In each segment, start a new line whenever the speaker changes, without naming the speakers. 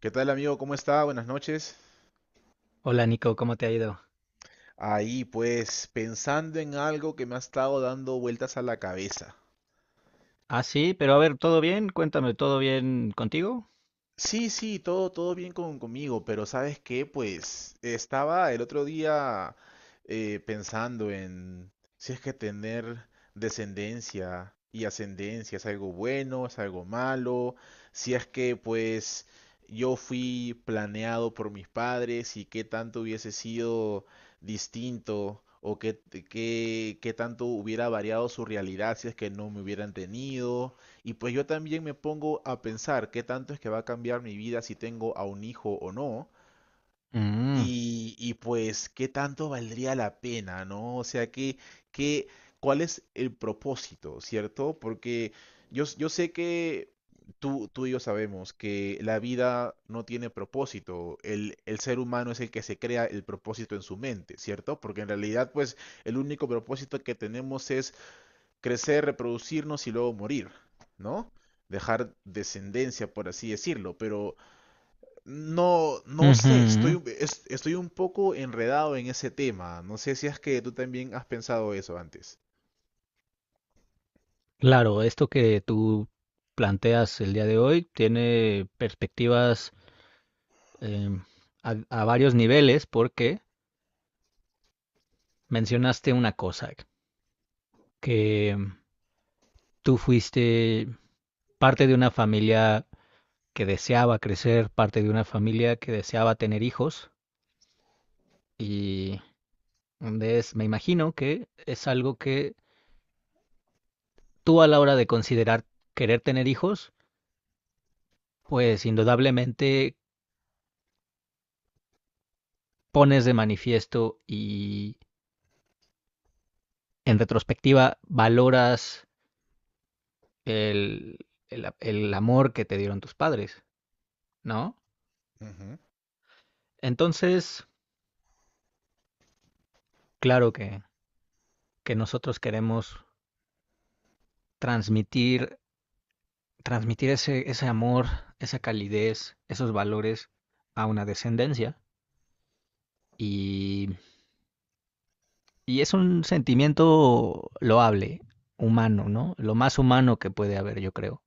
¿Qué tal amigo? ¿Cómo está? Buenas noches.
Hola Nico, ¿cómo te ha ido?
Ahí pues pensando en algo que me ha estado dando vueltas a la cabeza.
Ah, sí, pero a ver, ¿todo bien? Cuéntame, ¿todo bien contigo?
Sí, sí, todo, todo bien conmigo, pero ¿sabes qué? Pues estaba el otro día pensando en si es que tener descendencia y ascendencia es algo bueno, es algo malo, si es que pues yo fui planeado por mis padres y qué tanto hubiese sido distinto o qué, qué tanto hubiera variado su realidad si es que no me hubieran tenido. Y pues yo también me pongo a pensar qué tanto es que va a cambiar mi vida si tengo a un hijo o no.
Mm,
Y pues qué tanto valdría la pena, ¿no? O sea, que, ¿cuál es el propósito, cierto? Porque yo sé que tú y yo sabemos que la vida no tiene propósito. El ser humano es el que se crea el propósito en su mente, ¿cierto? Porque en realidad, pues, el único propósito que tenemos es crecer, reproducirnos y luego morir, ¿no? Dejar descendencia, por así decirlo, pero no, no sé,
ujú.
estoy un poco enredado en ese tema. No sé si es que tú también has pensado eso antes.
Claro, esto que tú planteas el día de hoy tiene perspectivas em, a varios niveles porque mencionaste una cosa, que tú fuiste parte de una familia que deseaba crecer, parte de una familia que deseaba tener hijos y es, me imagino que es algo que tú, a la hora de considerar querer tener hijos, pues indudablemente pones de manifiesto y en retrospectiva valoras el, el amor que te dieron tus padres, ¿no? Entonces, claro que nosotros queremos transmitir, transmitir ese, ese amor, esa calidez, esos valores a una descendencia. Y Y es un sentimiento loable, humano, ¿no? Lo más humano que puede haber, yo creo.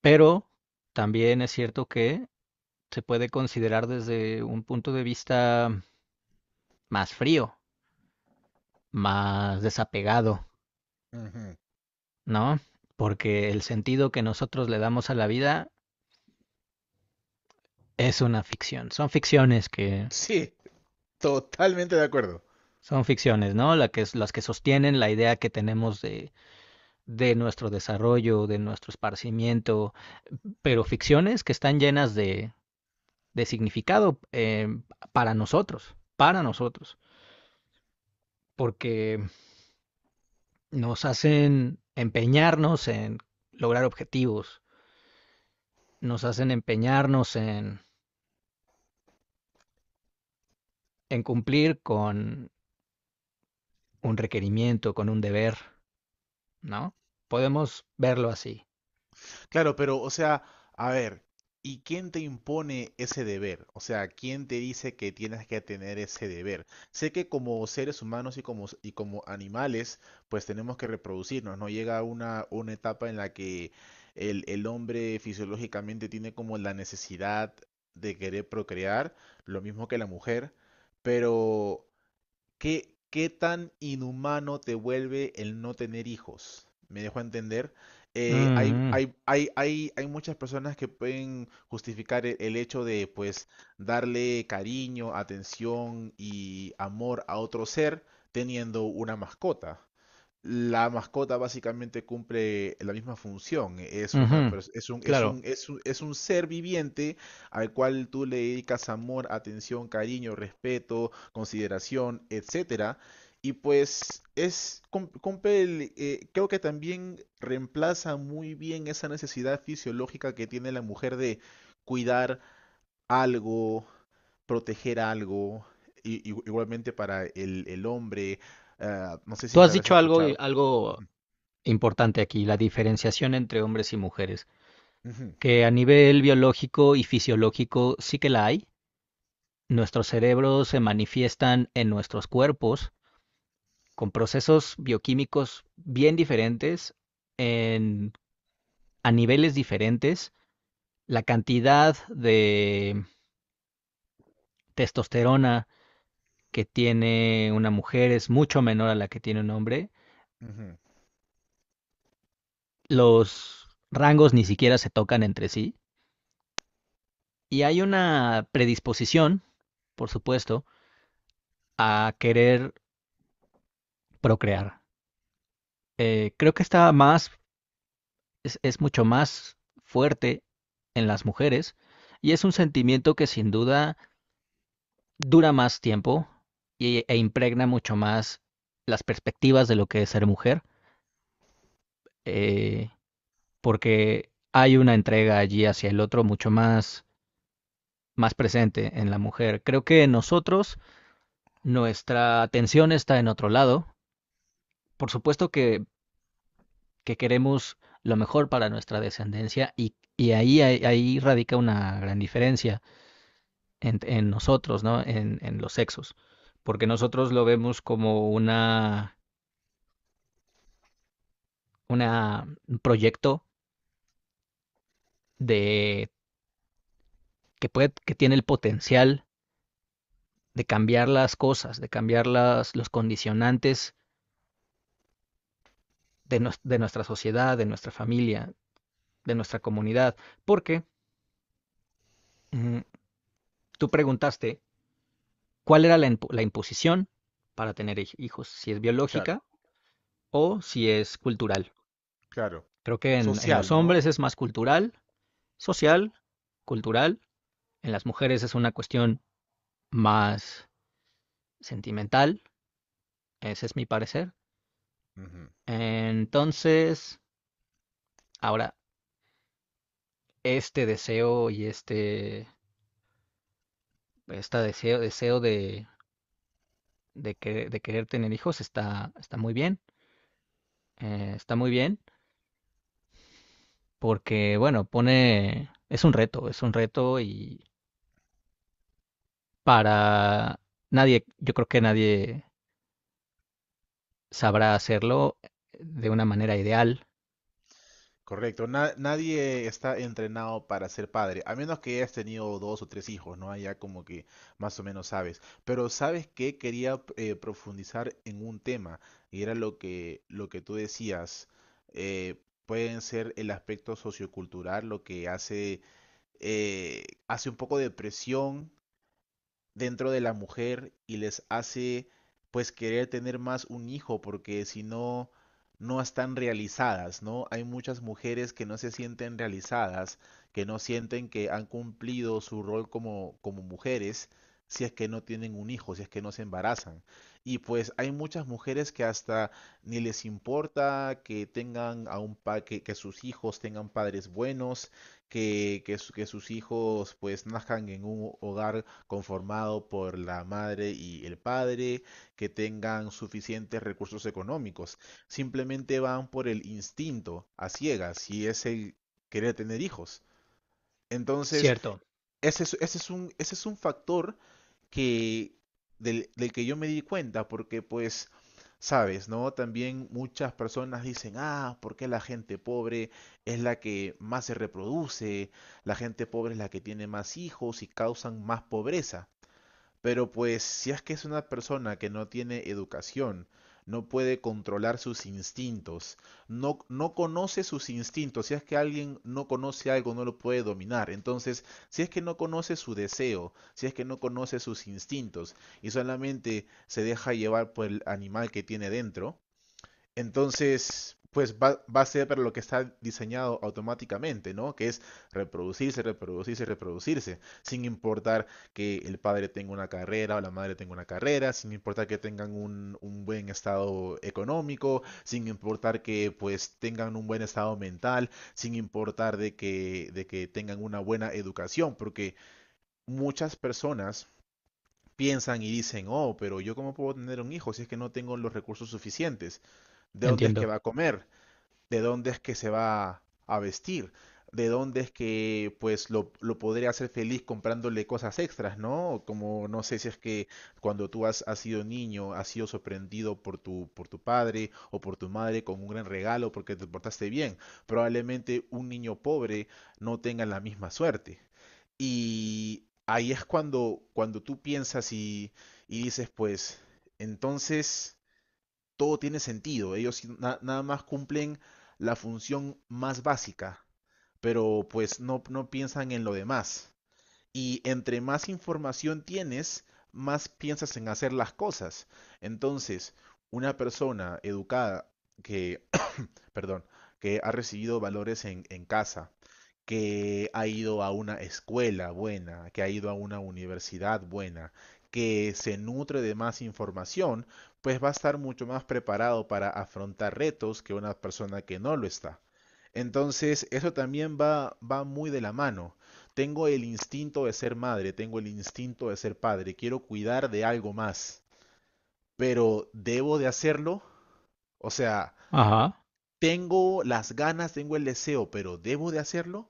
Pero también es cierto que se puede considerar desde un punto de vista más frío, más desapegado,
Ujú, ujú.
¿no? Porque el sentido que nosotros le damos a la vida es una ficción.
Sí, totalmente de acuerdo.
Son ficciones, ¿no? Las que sostienen la idea que tenemos de nuestro desarrollo, de nuestro esparcimiento, pero ficciones que están llenas de significado para nosotros, porque nos hacen empeñarnos en lograr objetivos, nos hacen empeñarnos en cumplir con un requerimiento, con un deber, ¿no? Podemos verlo así.
Claro, pero, o sea, a ver, ¿y quién te impone ese deber? O sea, ¿quién te dice que tienes que tener ese deber? Sé que como seres humanos y como animales, pues tenemos que reproducirnos, ¿no? Llega una etapa en la que el hombre fisiológicamente tiene como la necesidad de querer procrear, lo mismo que la mujer, pero ¿Qué, qué tan inhumano te vuelve el no tener hijos? Me dejo entender.
Mm, mm,
Hay muchas personas que pueden justificar el hecho de, pues, darle cariño, atención y amor a otro ser teniendo una mascota. La mascota básicamente cumple la misma función.
ujú.
Es un, es
Claro.
un, es un, es un ser viviente al cual tú le dedicas amor, atención, cariño, respeto, consideración, etcétera. Y pues cumple el, creo que también reemplaza muy bien esa necesidad fisiológica que tiene la mujer de cuidar algo, proteger algo, igualmente para el hombre. No sé si
Tú
es que
has
habrás
dicho algo,
escuchado.
algo importante aquí, la diferenciación entre hombres y mujeres,
Ujú,
que a nivel biológico y fisiológico sí que la hay, nuestros cerebros se manifiestan en nuestros cuerpos con procesos bioquímicos bien diferentes, en, a niveles diferentes. La cantidad de testosterona que tiene una mujer es mucho menor a la que tiene un hombre.
ujú,
Los rangos ni siquiera se tocan entre sí. Y hay una predisposición, por supuesto, a querer procrear. Creo que está más es mucho más fuerte en las mujeres, y es un sentimiento que sin duda dura más tiempo y- e impregna mucho más las perspectivas de lo que es ser mujer, eh, porque hay una entrega allí hacia el otro mucho más, más presente en la mujer. Creo que nosotros, nuestra atención está en otro lado. Por supuesto que queremos lo mejor para nuestra descendencia y ahí, ahí radica una gran diferencia en nosotros, ¿no? En los sexos. Porque nosotros lo vemos como una, un proyecto de, que, puede, que tiene el potencial de cambiar las cosas, de cambiar las, los condicionantes de, no, de nuestra sociedad, de nuestra familia, de nuestra comunidad. Porque mm, tú preguntaste cuál era la, la imposición para tener hijos, si es biológica
Claro,
o si es cultural.
claro.
Creo que en
Social,
los
¿no?
hombres es más cultural, social, cultural. En las mujeres es una cuestión más sentimental, ese es mi parecer.
Ujú.
Entonces, ahora, este deseo y este deseo, deseo de, que- de querer tener hijos está, está muy bien, porque, bueno, pone, es un reto, es un reto, y para nadie, yo creo que nadie sabrá hacerlo de una manera ideal.
Correcto. Nadie está entrenado para ser padre, a menos que hayas tenido dos o tres hijos, ¿no? Allá como que más o menos sabes. Pero sabes que quería profundizar en un tema, y era lo que tú decías. eh, pueden ser el aspecto sociocultural lo que hace, hace un poco de presión dentro de la mujer y les hace pues querer tener más un hijo porque si no no están realizadas, ¿no? Hay muchas mujeres que no se sienten realizadas, que no sienten que han cumplido su rol como, como mujeres si es que no tienen un hijo, si es que no se embarazan. Y pues hay muchas mujeres que hasta ni les importa que tengan a un que sus hijos tengan padres buenos, que sus hijos pues nazcan en un hogar conformado por la madre y el padre, que tengan suficientes recursos económicos. Simplemente van por el instinto a ciegas y es el querer tener hijos. Entonces,
Cierto,
ese es un factor que, del que yo me di cuenta, porque pues... Sabes, ¿no? También muchas personas dicen, ah, ¿por qué la gente pobre es la que más se reproduce? La gente pobre es la que tiene más hijos y causan más pobreza. Pero pues si es que es una persona que no tiene educación, no puede controlar sus instintos, no, no conoce sus instintos, si es que alguien no conoce algo, no lo puede dominar. Entonces, si es que no conoce su deseo, si es que no conoce sus instintos y solamente se deja llevar por el animal que tiene dentro, entonces, pues va, va a ser para lo que está diseñado automáticamente, ¿no? Que es reproducirse, reproducirse, reproducirse, sin importar que el padre tenga una carrera o la madre tenga una carrera, sin importar que tengan un buen estado económico, sin importar que pues tengan un buen estado mental, sin importar de que tengan una buena educación, porque muchas personas piensan y dicen, oh, pero yo cómo puedo tener un hijo si es que no tengo los recursos suficientes. ¿De dónde es que
entiendo.
va a comer? ¿De dónde es que se va a vestir? ¿De dónde es que pues lo podría hacer feliz comprándole cosas extras, ¿no? Como no sé si es que cuando tú has sido niño, has sido sorprendido por por tu padre o por tu madre con un gran regalo porque te portaste bien. Probablemente un niño pobre no tenga la misma suerte. Y ahí es cuando, cuando tú piensas y dices, pues, entonces todo tiene sentido. Ellos sí, nada más cumplen la función más básica, pero pues no, no piensan en lo demás. Y entre más información tienes, más piensas en hacer las cosas. Entonces, una persona educada que, perdón, que ha recibido valores en casa, que ha ido a una escuela buena, que ha ido a una universidad buena, que se nutre de más información, pues va a estar mucho más preparado para afrontar retos que una persona que no lo está. Entonces, eso también va, va muy de la mano. Tengo el instinto de ser madre, tengo el instinto de ser padre, quiero cuidar de algo más, pero ¿debo de hacerlo? O sea,
Ajá.
tengo las ganas, tengo el deseo, pero ¿debo de hacerlo?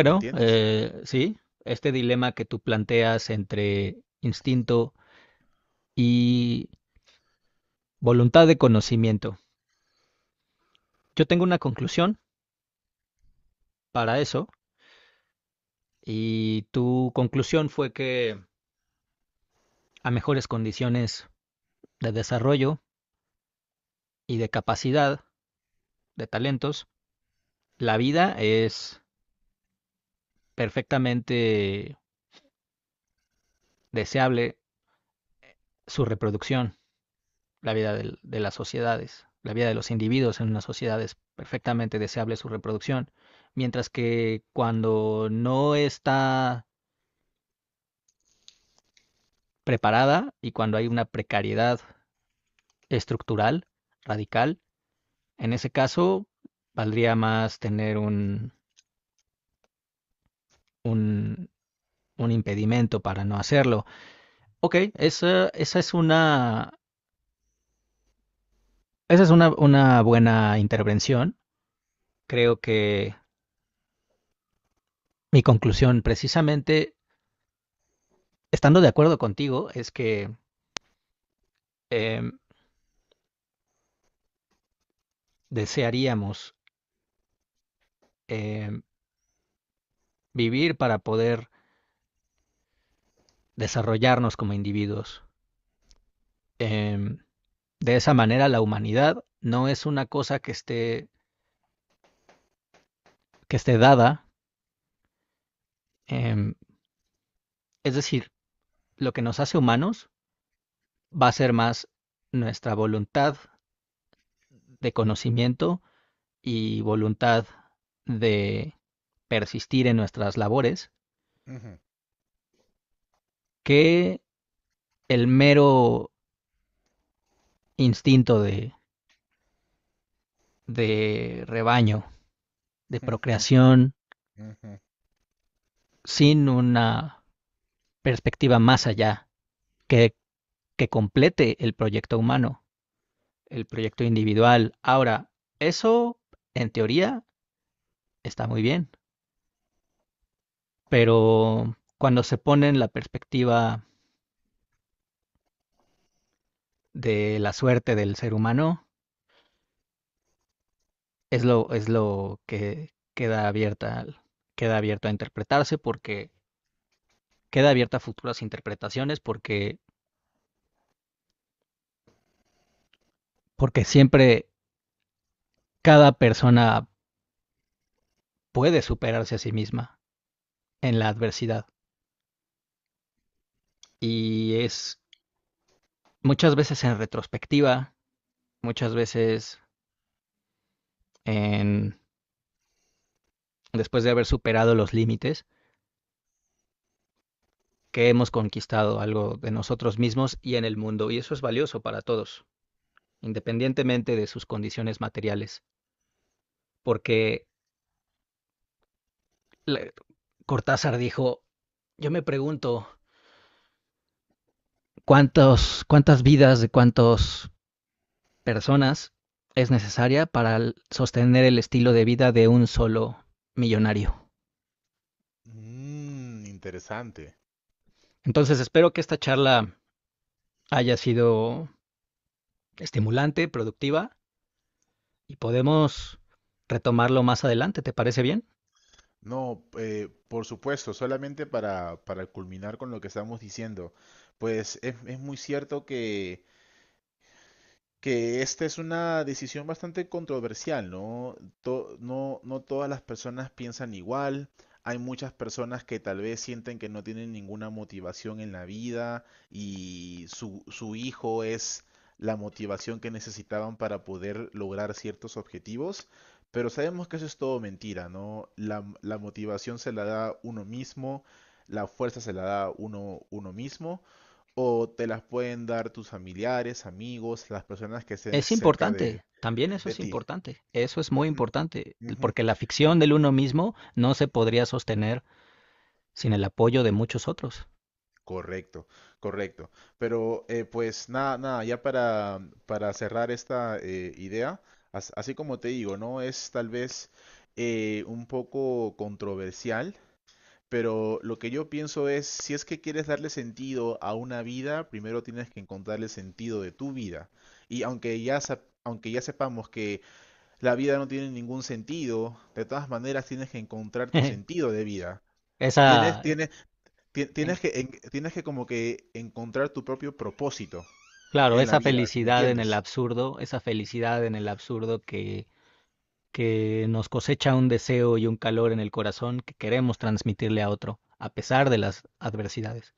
¿Me entiendes?
sí, este dilema que tú planteas entre instinto y voluntad de conocimiento. Yo tengo una conclusión para eso, y tu conclusión fue que a mejores condiciones de desarrollo y de capacidad, de talentos, la vida es perfectamente deseable su reproducción. La vida del- de las sociedades, la vida de los individuos en una sociedad es perfectamente deseable su reproducción, mientras que cuando no está preparada y cuando hay una precariedad estructural, radical, en ese caso valdría más tener un, un impedimento para no hacerlo. Ok, esa, esa es una buena intervención. Creo que mi conclusión, precisamente estando de acuerdo contigo, es que em, desearíamos em, vivir para poder desarrollarnos como individuos. Em, de esa manera, la humanidad no es una cosa que esté dada. em, es decir, lo que nos hace humanos va a ser más nuestra voluntad de conocimiento y voluntad de persistir en nuestras labores
Ujú.
que el mero instinto de rebaño, de
Ujú,
procreación,
ujú.
sin una perspectiva más allá que, que complete el proyecto humano, el proyecto individual. Ahora, eso en teoría está muy bien, pero cuando se pone en la perspectiva de la suerte del ser humano, es lo que queda abierta, queda abierto a interpretarse porque queda abierta a futuras interpretaciones porque, porque siempre cada persona puede superarse a sí misma en la adversidad. Y es muchas veces en retrospectiva, muchas veces en, después de haber superado los límites, que hemos conquistado algo de nosotros mismos y en el mundo. Y eso es valioso para todos, independientemente de sus condiciones materiales. Porque Cortázar dijo, yo me pregunto, ¿cuántos, ¿cuántas vidas de cuántos personas es necesaria para sostener el estilo de vida de un solo millonario?
Mm, interesante.
Entonces espero que esta charla haya sido estimulante, productiva, y podemos retomarlo más adelante. ¿Te parece bien?
No, por supuesto, solamente para culminar con lo que estamos diciendo, pues es muy cierto que esta es una decisión bastante controversial, ¿no? No, no todas las personas piensan igual. Hay muchas personas que tal vez sienten que no tienen ninguna motivación en la vida y su hijo es la motivación que necesitaban para poder lograr ciertos objetivos. Pero sabemos que eso es todo mentira, ¿no? La motivación se la da uno mismo, la fuerza se la da uno mismo o te las pueden dar tus familiares, amigos, las personas que estén
Es
cerca
importante, también eso
de
es
ti.
importante, eso es muy
Ujú,
importante,
ujú.
porque la ficción del uno mismo no se podría sostener sin el apoyo de muchos otros.
Correcto, correcto. Pero pues nada, nada, ya para cerrar esta idea, así como te digo, ¿no? Es tal vez un poco controversial, pero lo que yo pienso es, si es que quieres darle sentido a una vida, primero tienes que encontrarle sentido de tu vida. Y aunque ya sepamos que La vida no tiene ningún sentido. De todas maneras, tienes que encontrar tu sentido de vida. Tienes,
Esa,
tienes,
en-
tienes que, tienes que como que encontrar tu propio propósito
claro,
en la
esa
vida, ¿me
felicidad en el
entiendes?
absurdo, esa felicidad en el absurdo que nos cosecha un deseo y un calor en el corazón que queremos transmitirle a otro, a pesar de las adversidades.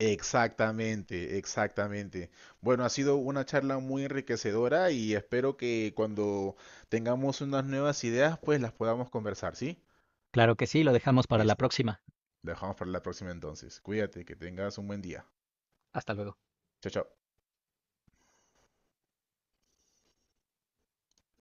Exactamente, exactamente. Bueno, ha sido una charla muy enriquecedora y espero que cuando tengamos unas nuevas ideas, pues las podamos conversar, ¿sí?
Claro que sí, lo dejamos para la
Listo.
próxima.
Lo dejamos para la próxima entonces. Cuídate, que tengas un buen día.
Hasta luego.
Chao, chao.